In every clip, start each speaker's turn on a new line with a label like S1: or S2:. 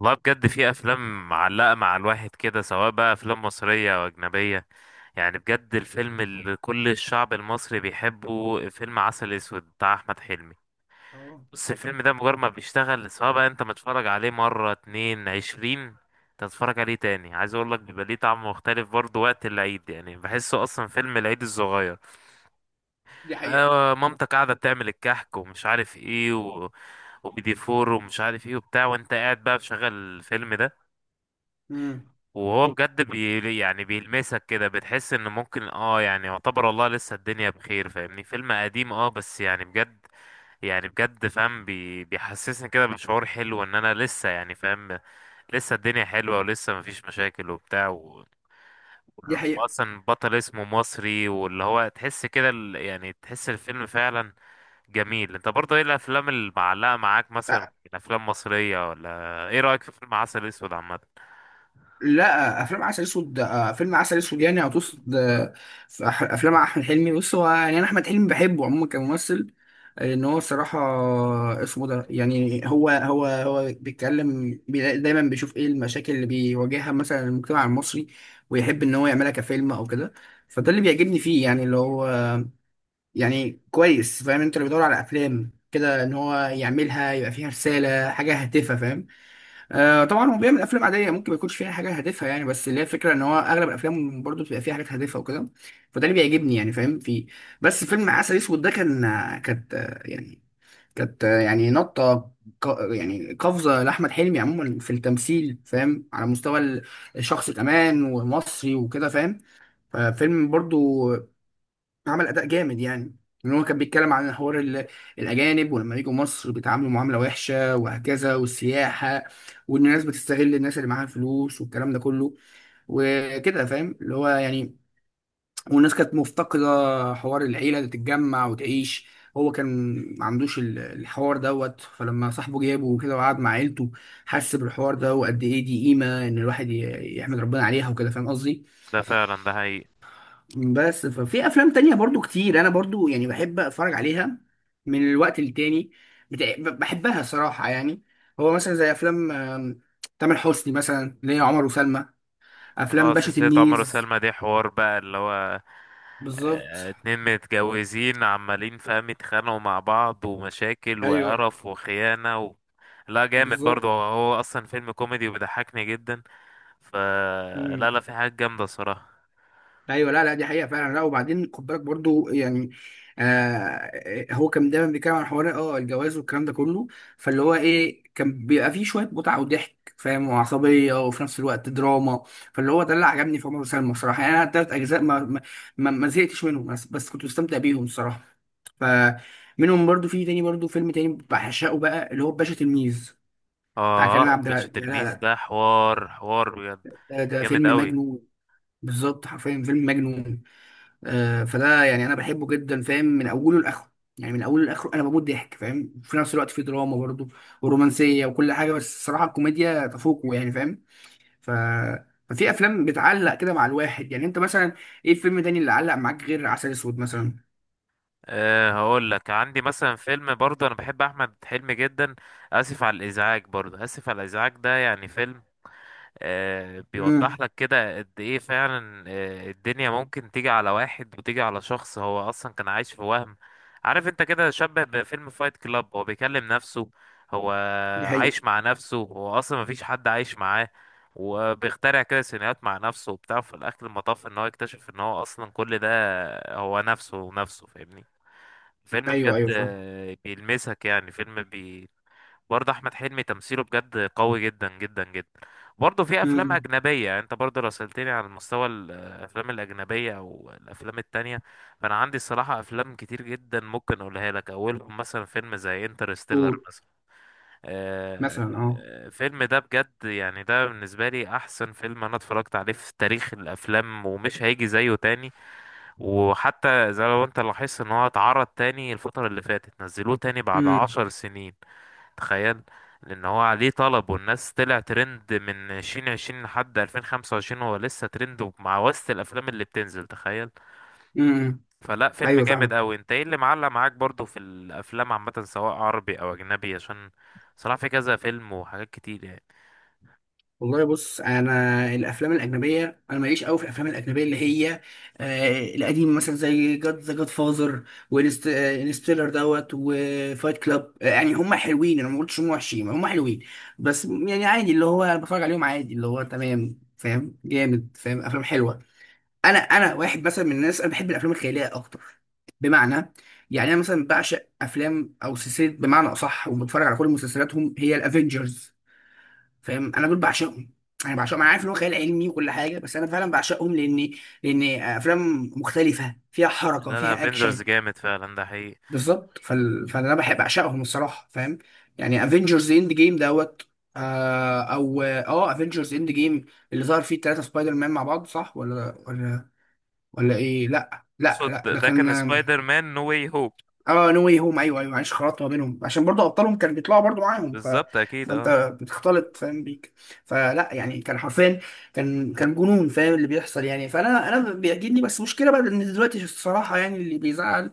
S1: والله بجد في افلام معلقه مع الواحد كده، سواء بقى افلام مصريه او اجنبيه. يعني بجد الفيلم اللي كل الشعب المصري بيحبه فيلم عسل اسود بتاع احمد حلمي.
S2: اه.
S1: بص، الفيلم ده مجرد ما بيشتغل، سواء بقى انت متفرج عليه مره اتنين 20، تتفرج عليه تاني، عايز اقول لك بيبقى ليه طعم مختلف. برضه وقت العيد، يعني بحسه اصلا فيلم العيد الصغير.
S2: دي حقيقة.
S1: آه، مامتك قاعده بتعمل الكحك ومش عارف ايه وبيدي فور ومش عارف ايه وبتاع، وانت قاعد بقى بشغل الفيلم ده.
S2: امم
S1: وهو بجد يعني بيلمسك كده، بتحس ان ممكن يعني يعتبر، والله لسه الدنيا بخير، فاهمني؟ فيلم قديم بس يعني بجد. يعني بجد فاهم، بيحسسني كده بشعور حلو ان انا لسه يعني فاهم. لسه الدنيا حلوة، ولسه مفيش مشاكل وبتاع
S2: دي حقيقة.
S1: اصلا بطل اسمه مصري، واللي هو تحس كده، يعني تحس الفيلم فعلا جميل. انت برضه ايه الافلام اللي معلقة معاك مثلا من
S2: أ-
S1: افلام مصرية، ولا ايه رأيك في فيلم عسل اسود عامة؟
S2: لا، افلام عسل اسود، فيلم عسل اسود يعني هتقصد. في افلام احمد حلمي. بص، هو يعني انا احمد حلمي بحبه عموما كممثل، لان هو الصراحة اسمه ده. يعني هو بيتكلم، دايما بيشوف ايه المشاكل اللي بيواجهها مثلا المجتمع المصري، ويحب ان هو يعملها كفيلم او كده. فده اللي بيعجبني فيه، يعني اللي هو يعني كويس، فاهم؟ انت اللي بيدور على افلام كده ان هو يعملها يبقى فيها رسالة، حاجة هادفة، فاهم؟ آه طبعا هو بيعمل افلام عاديه ممكن ما يكونش فيها حاجه هادفه، يعني بس اللي هي الفكره ان هو اغلب الافلام برضو بتبقى فيها حاجات هادفه وكده. فده اللي بيعجبني، يعني فاهم في. بس فيلم عسل اسود ده كان، كانت كانت، نطه، يعني قفزه لاحمد حلمي عموما في التمثيل، فاهم؟ على مستوى الشخص كمان، ومصري وكده، فاهم؟ ففيلم برضو عمل اداء جامد يعني. ان هو كان بيتكلم عن حوار الاجانب ولما يجوا مصر بيتعاملوا معامله وحشه وهكذا، والسياحه، وان الناس بتستغل الناس اللي معاها فلوس والكلام ده كله، وكده، فاهم؟ اللي هو يعني والناس كانت مفتقده حوار العيله اللي تتجمع وتعيش. هو كان ما عندوش الحوار دوت. فلما صاحبه جابه وكده وقعد مع عيلته، حس بالحوار ده وقد ايه دي قيمه ان الواحد يحمد ربنا عليها وكده، فاهم قصدي؟
S1: ده فعلا ده حقيقي.
S2: بس ففي افلام تانية برضو كتير انا برضو يعني بحب اتفرج عليها من الوقت للتاني، بحبها صراحة يعني. هو مثلا زي افلام تامر حسني مثلا اللي هي عمر وسلمى، افلام
S1: اه،
S2: باشا
S1: سلسلة عمر
S2: تلميذ.
S1: وسلمى دي حوار بقى اللي هو آه،
S2: بالظبط.
S1: اتنين متجوزين، عمالين فاهم يتخانقوا مع بعض، ومشاكل
S2: ايوه.
S1: وقرف وخيانة لا جامد
S2: بالظبط.
S1: برضه، هو اصلا فيلم كوميدي وبيضحكني جدا. ف
S2: إمم.
S1: لا لا، في حاجات جامدة الصراحة.
S2: ايوه، لا لا، دي حقيقه فعلا. لا، وبعدين خد بالك برضو يعني، هو كان دايما بيتكلم عن حوار الجواز والكلام ده كله. فاللي هو ايه، كان بيبقى فيه شويه متعه وضحك، فاهم؟ وعصبيه، وفي نفس الوقت دراما. فاللي هو ده اللي عجبني في عمر وسلمى الصراحه. يعني انا التلات اجزاء ما زهقتش منهم، بس كنت مستمتع بيهم الصراحه. فمنهم برضو في تاني، برضو فيلم تاني بعشقه بقى اللي هو باشا تلميذ، بتاع كريم
S1: اه،
S2: عبد
S1: باشا
S2: العزيز. لا
S1: تلميذ
S2: لا،
S1: ده حوار، حوار بجد.
S2: ده
S1: جامد
S2: فيلم
S1: قوي.
S2: مجنون. بالظبط، حرفيا فيلم مجنون. فده يعني انا بحبه جدا، فاهم؟ من اوله لاخره. يعني من اوله لاخره انا بموت ضحك، فاهم؟ وفي نفس الوقت في دراما برضه ورومانسيه وكل حاجه، بس الصراحه الكوميديا تفوقه يعني، فاهم؟ ف ففي افلام بتعلق كده مع الواحد. يعني انت مثلا ايه الفيلم تاني اللي علق معاك غير عسل اسود مثلا؟
S1: هقول لك عندي مثلا فيلم، برضه انا بحب احمد حلمي جدا، اسف على الازعاج، برضه اسف على الازعاج ده، يعني فيلم
S2: امم
S1: بيوضح لك كده قد ايه فعلا، الدنيا ممكن تيجي على واحد وتيجي على شخص هو اصلا كان عايش في وهم. عارف انت كده شبه بفيلم فايت كلاب. هو بيكلم نفسه، هو
S2: دي حقيقه.
S1: عايش مع نفسه، هو اصلا مفيش حد عايش معاه، وبيخترع كده سيناريوهات مع نفسه وبتاع. في الاخر المطاف ان هو يكتشف ان هو اصلا كل ده هو نفسه ونفسه، فاهمني؟ فيلم
S2: ايوه
S1: بجد
S2: ايوه فاهم.
S1: بيلمسك، يعني فيلم، برضه احمد حلمي تمثيله بجد قوي جدا جدا جدا. برضه في افلام
S2: امم
S1: اجنبيه، يعني انت برضه لو سالتني على مستوى الافلام الاجنبيه او الافلام التانية، فانا عندي الصراحه افلام كتير جدا ممكن اقولها لك، اولهم مثلا فيلم زي انترستيلر
S2: قول،
S1: مثلا. آه،
S2: مثلا اه.
S1: الفيلم ده بجد، يعني ده بالنسبه لي احسن فيلم انا اتفرجت عليه في تاريخ الافلام، ومش هيجي زيه تاني. وحتى زي ما انت لاحظت ان هو اتعرض تاني الفتره اللي فاتت، نزلوه تاني بعد
S2: امم
S1: 10 سنين، تخيل. لان هو عليه طلب، والناس، طلع ترند من 2020 لحد 2025، هو لسه ترند مع وسط الافلام اللي بتنزل، تخيل.
S2: امم
S1: فلا، فيلم
S2: ايوه
S1: جامد
S2: فاهم.
S1: قوي. انت ايه اللي معلق معاك برضو في الافلام عامه، سواء عربي او اجنبي، عشان صراحه في كذا فيلم وحاجات كتير يعني.
S2: والله بص، انا الافلام الاجنبيه، انا ماليش قوي في الافلام الاجنبيه اللي هي القديمه، مثلا زي جاد ذا جاد فازر، وانستيلر دوت، وفايت كلاب. آه يعني هم حلوين، انا ما قلتش هم وحشين، هم حلوين، بس يعني عادي. اللي هو انا بتفرج عليهم عادي، اللي هو تمام، فاهم؟ جامد، فاهم؟ افلام حلوه. انا واحد مثلا من الناس، انا بحب الافلام الخياليه اكتر. بمعنى، يعني انا مثلا بعشق افلام او سلسله بمعنى اصح، وبتفرج على كل مسلسلاتهم، هي الافينجرز، فاهم؟ انا دول بعشقهم. انا بعشقهم، انا عارف ان هو خيال علمي وكل حاجه، بس انا فعلا بعشقهم، لان افلام مختلفه، فيها حركه،
S1: لا لا،
S2: فيها
S1: افنجرز
S2: اكشن.
S1: جامد فعلا، ده حقيقي.
S2: بالظبط. فال... فانا بحب اعشقهم الصراحه، فاهم؟ يعني افنجرز اند جيم دوت، آه، او اه افنجرز اند جيم، اللي ظهر فيه الثلاثه سبايدر مان مع بعض، صح ولا ولا، ولا ايه؟ لا لا لا،
S1: صد،
S2: ده
S1: ده
S2: كان،
S1: كان سبايدر مان نو واي هوب.
S2: اه، نو واي هوم. ايوه ايوه، معلش، خلطت ما بينهم عشان برضو ابطالهم كانوا بيطلعوا برضو معاهم، ف...
S1: بالظبط، اكيد. اه،
S2: فانت بتختلط، فاهم بيك؟ فلا يعني، كان حرفيا، كان جنون، فاهم اللي بيحصل يعني؟ فانا بيعجبني، بس مشكله بقى ان دلوقتي الصراحه يعني اللي بيزعل،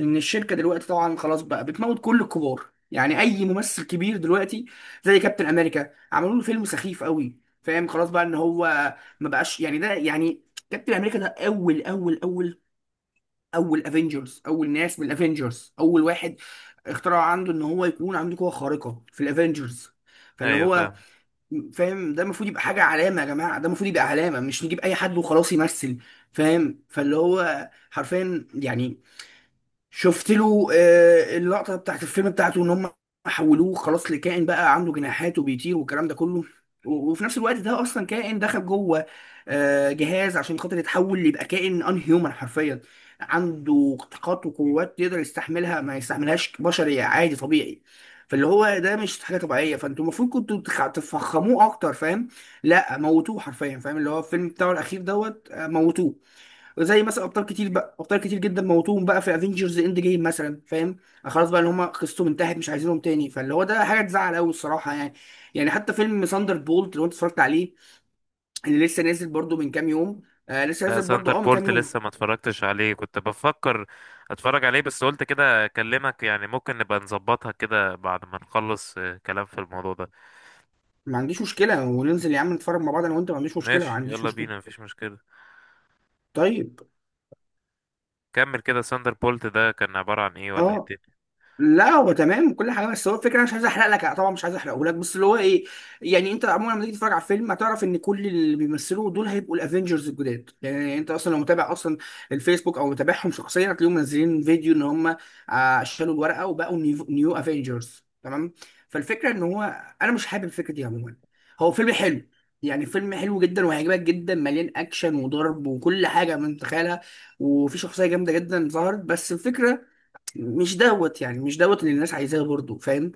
S2: ان الشركه دلوقتي طبعا خلاص بقى بتموت كل الكبار، يعني اي ممثل كبير دلوقتي، زي كابتن امريكا عملوا له فيلم سخيف قوي، فاهم؟ خلاص بقى ان هو ما بقاش، يعني ده يعني كابتن امريكا ده اول اول اول اول افنجرز، اول ناس من الافنجرز، اول واحد اخترعوا عنده ان هو يكون عنده قوه خارقه في الافنجرز، فاللي
S1: ايوه
S2: هو،
S1: فاهم.
S2: فاهم؟ ده المفروض يبقى حاجه علامه يا جماعه، ده المفروض يبقى علامه، مش نجيب اي حد وخلاص يمثل، فاهم؟ فاللي هو حرفيا يعني، شفت له اللقطه بتاعت الفيلم بتاعته، ان هم حولوه خلاص لكائن بقى عنده جناحات وبيطير والكلام ده كله. وفي نفس الوقت ده اصلا كائن دخل جوه جهاز عشان خاطر يتحول ليبقى كائن ان هيومن حرفيا، عنده طاقات وقوات يقدر يستحملها، ما يستحملهاش بشري عادي طبيعي. فاللي هو ده مش حاجه طبيعيه، فانتوا المفروض كنتوا تفخموه اكتر، فاهم؟ لا، موتوه حرفيا، فاهم؟ اللي هو الفيلم بتاعه الاخير دوت، موتوه. زي مثلا ابطال كتير بقى، ابطال كتير جدا موتوهم بقى في افنجرز اند جيم مثلا، فاهم؟ خلاص بقى اللي هم قصتهم انتهت، مش عايزينهم تاني. فاللي هو ده حاجه تزعل قوي الصراحه يعني. يعني حتى فيلم ساندر بولت، لو انت اتفرجت عليه، اللي لسه نازل برضو من كام يوم. آه لسه
S1: لا،
S2: نازل برضو
S1: سنتر
S2: اه من كام
S1: بولت
S2: يوم.
S1: لسه ما اتفرجتش عليه، كنت بفكر اتفرج عليه بس قلت كده اكلمك، يعني ممكن نبقى نظبطها كده بعد ما نخلص كلام في الموضوع ده.
S2: ما عنديش مشكله، وننزل يا عم نتفرج مع بعض انا وانت، ما عنديش مشكله، ما
S1: ماشي،
S2: عنديش
S1: يلا
S2: مشكله.
S1: بينا، مفيش مشكلة.
S2: طيب.
S1: كمل كده، ساندر بولت ده كان عبارة عن ايه ولا ايه
S2: اه.
S1: الدنيا؟
S2: لا، هو تمام كل حاجه، بس هو الفكره، انا مش عايز احرق لك طبعا، مش عايز احرقه لك، بس اللي هو ايه، يعني انت عموما لما تيجي تتفرج على الفيلم هتعرف ان كل اللي بيمثلوا دول هيبقوا الافنجرز الجداد. يعني انت اصلا لو متابع اصلا الفيسبوك او متابعهم شخصيا، هتلاقيهم منزلين فيديو ان هم شالوا الورقه وبقوا نيو افنجرز، تمام؟ فالفكره ان هو، انا مش حابب الفكره دي عموما. هو فيلم حلو، يعني فيلم حلو جدا وهيعجبك جدا، مليان اكشن وضرب وكل حاجه من تخيلها، وفي شخصيه جامده جدا ظهرت، بس الفكره مش دوت، يعني مش دوت اللي الناس عايزاه برضه، فاهم؟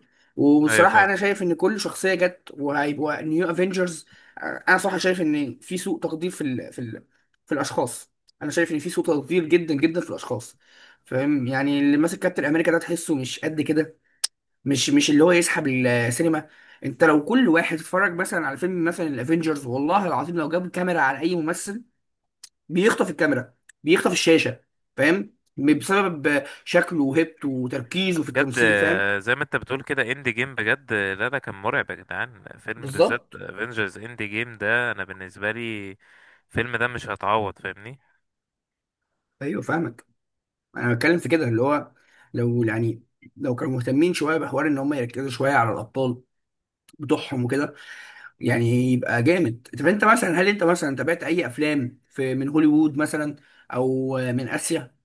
S1: ايوه
S2: وبصراحة
S1: فاهم.
S2: أنا شايف إن كل شخصية جت، وهيبقوا نيو أفينجرز. أنا صراحة شايف إن في سوء تقدير في ال في ال في الأشخاص. أنا شايف إن في سوء تقدير جدا جدا في الأشخاص، فاهم؟ يعني اللي ماسك كابتن أمريكا ده تحسه مش قد كده، مش اللي هو يسحب السينما. أنت لو كل واحد اتفرج مثلا على فيلم مثلا الأفينجرز، والله العظيم لو جاب كاميرا على أي ممثل، بيخطف الكاميرا، بيخطف الشاشه، فاهم؟ بسبب شكله وهيبته وتركيزه في
S1: بجد
S2: التمثيل، فاهم؟
S1: زي ما انت بتقول كده، اند جيم بجد لا ده كان مرعب يا جدعان، فيلم بالذات
S2: بالظبط.
S1: افنجرز اند جيم ده انا بالنسبة لي الفيلم ده مش هتعوض، فاهمني؟
S2: ايوه فاهمك. انا بتكلم في كده اللي هو، لو يعني لو كانوا مهتمين شويه بحوار ان هم يركزوا شويه على الابطال بتوعهم وكده، يعني يبقى جامد. طب انت مثلا، هل انت مثلا تابعت اي افلام في من هوليوود مثلا او من اسيا؟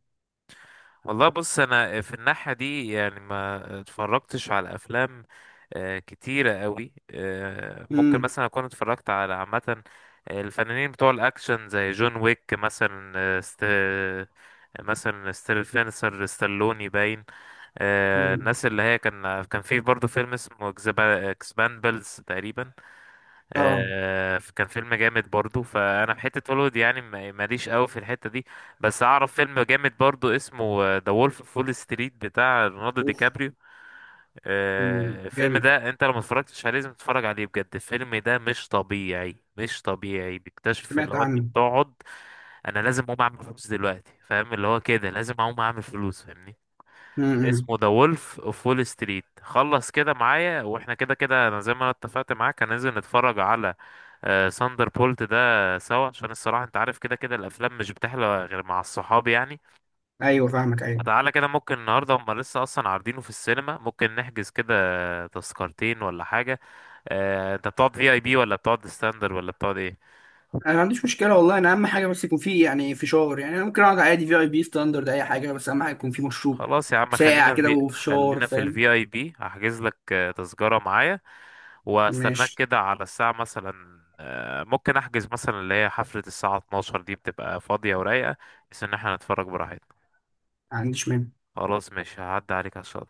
S1: والله بص، انا في الناحية دي يعني ما اتفرجتش على افلام كتيرة قوي. ممكن
S2: امم
S1: مثلا اكون اتفرجت على عامة الفنانين بتوع الاكشن، زي جون ويك مثلا، مثلا ستيلفينسر ستالوني باين.
S2: امم
S1: الناس اللي هي كان في برضه فيلم اسمه اكسباندبلز تقريبا،
S2: اه.
S1: كان فيلم جامد برضو. فانا في حته هوليوود يعني ماليش قوي في الحته دي، بس اعرف فيلم جامد برضو اسمه ذا وولف اوف وول ستريت بتاع ليوناردو دي
S2: اوف.
S1: كابريو.
S2: مم.
S1: الفيلم
S2: جامد،
S1: ده انت لو ما اتفرجتش عليه لازم تتفرج عليه بجد. الفيلم ده مش طبيعي، مش طبيعي. بيكتشف اللي
S2: سمعت
S1: هو انت
S2: عنه.
S1: بتقعد، انا لازم اقوم اعمل فلوس دلوقتي، فاهم اللي هو كده لازم اقوم اعمل فلوس، فاهمني؟
S2: امم
S1: اسمه ذا وولف اوف وول ستريت. خلص كده معايا، واحنا كده كده انا زي ما انا اتفقت معاك هننزل نتفرج على ساندر بولت ده سوا، عشان الصراحة انت عارف كده كده الافلام مش بتحلى غير مع الصحاب يعني.
S2: ايوه فاهمك، ايوه.
S1: فتعالى كده، ممكن النهاردة هما لسه اصلا عارضينه في السينما، ممكن نحجز كده تذكرتين ولا حاجة. انت بتقعد في اي بي، ولا بتقعد ستاندر، ولا بتقعد ايه؟
S2: انا ما عنديش مشكله والله، انا اهم حاجه بس يكون فيه يعني فشار. يعني انا ممكن اقعد عادي في اي بي ستاندرد، اي حاجه، بس اهم حاجه يكون فيه مشروب
S1: خلاص يا عم،
S2: ساقع
S1: خلينا
S2: كده
S1: في
S2: وفشار،
S1: خلينا في
S2: فاهم؟
S1: الفي اي بي، هحجز لك تذكرة معايا، واستناك
S2: ماشي،
S1: كده على الساعة مثلا، ممكن احجز مثلا اللي هي حفلة الساعة 12 دي بتبقى فاضية ورايقة، بس ان احنا نتفرج براحتنا.
S2: ما عنديش مانع.
S1: خلاص ماشي، هعدي عليك عشان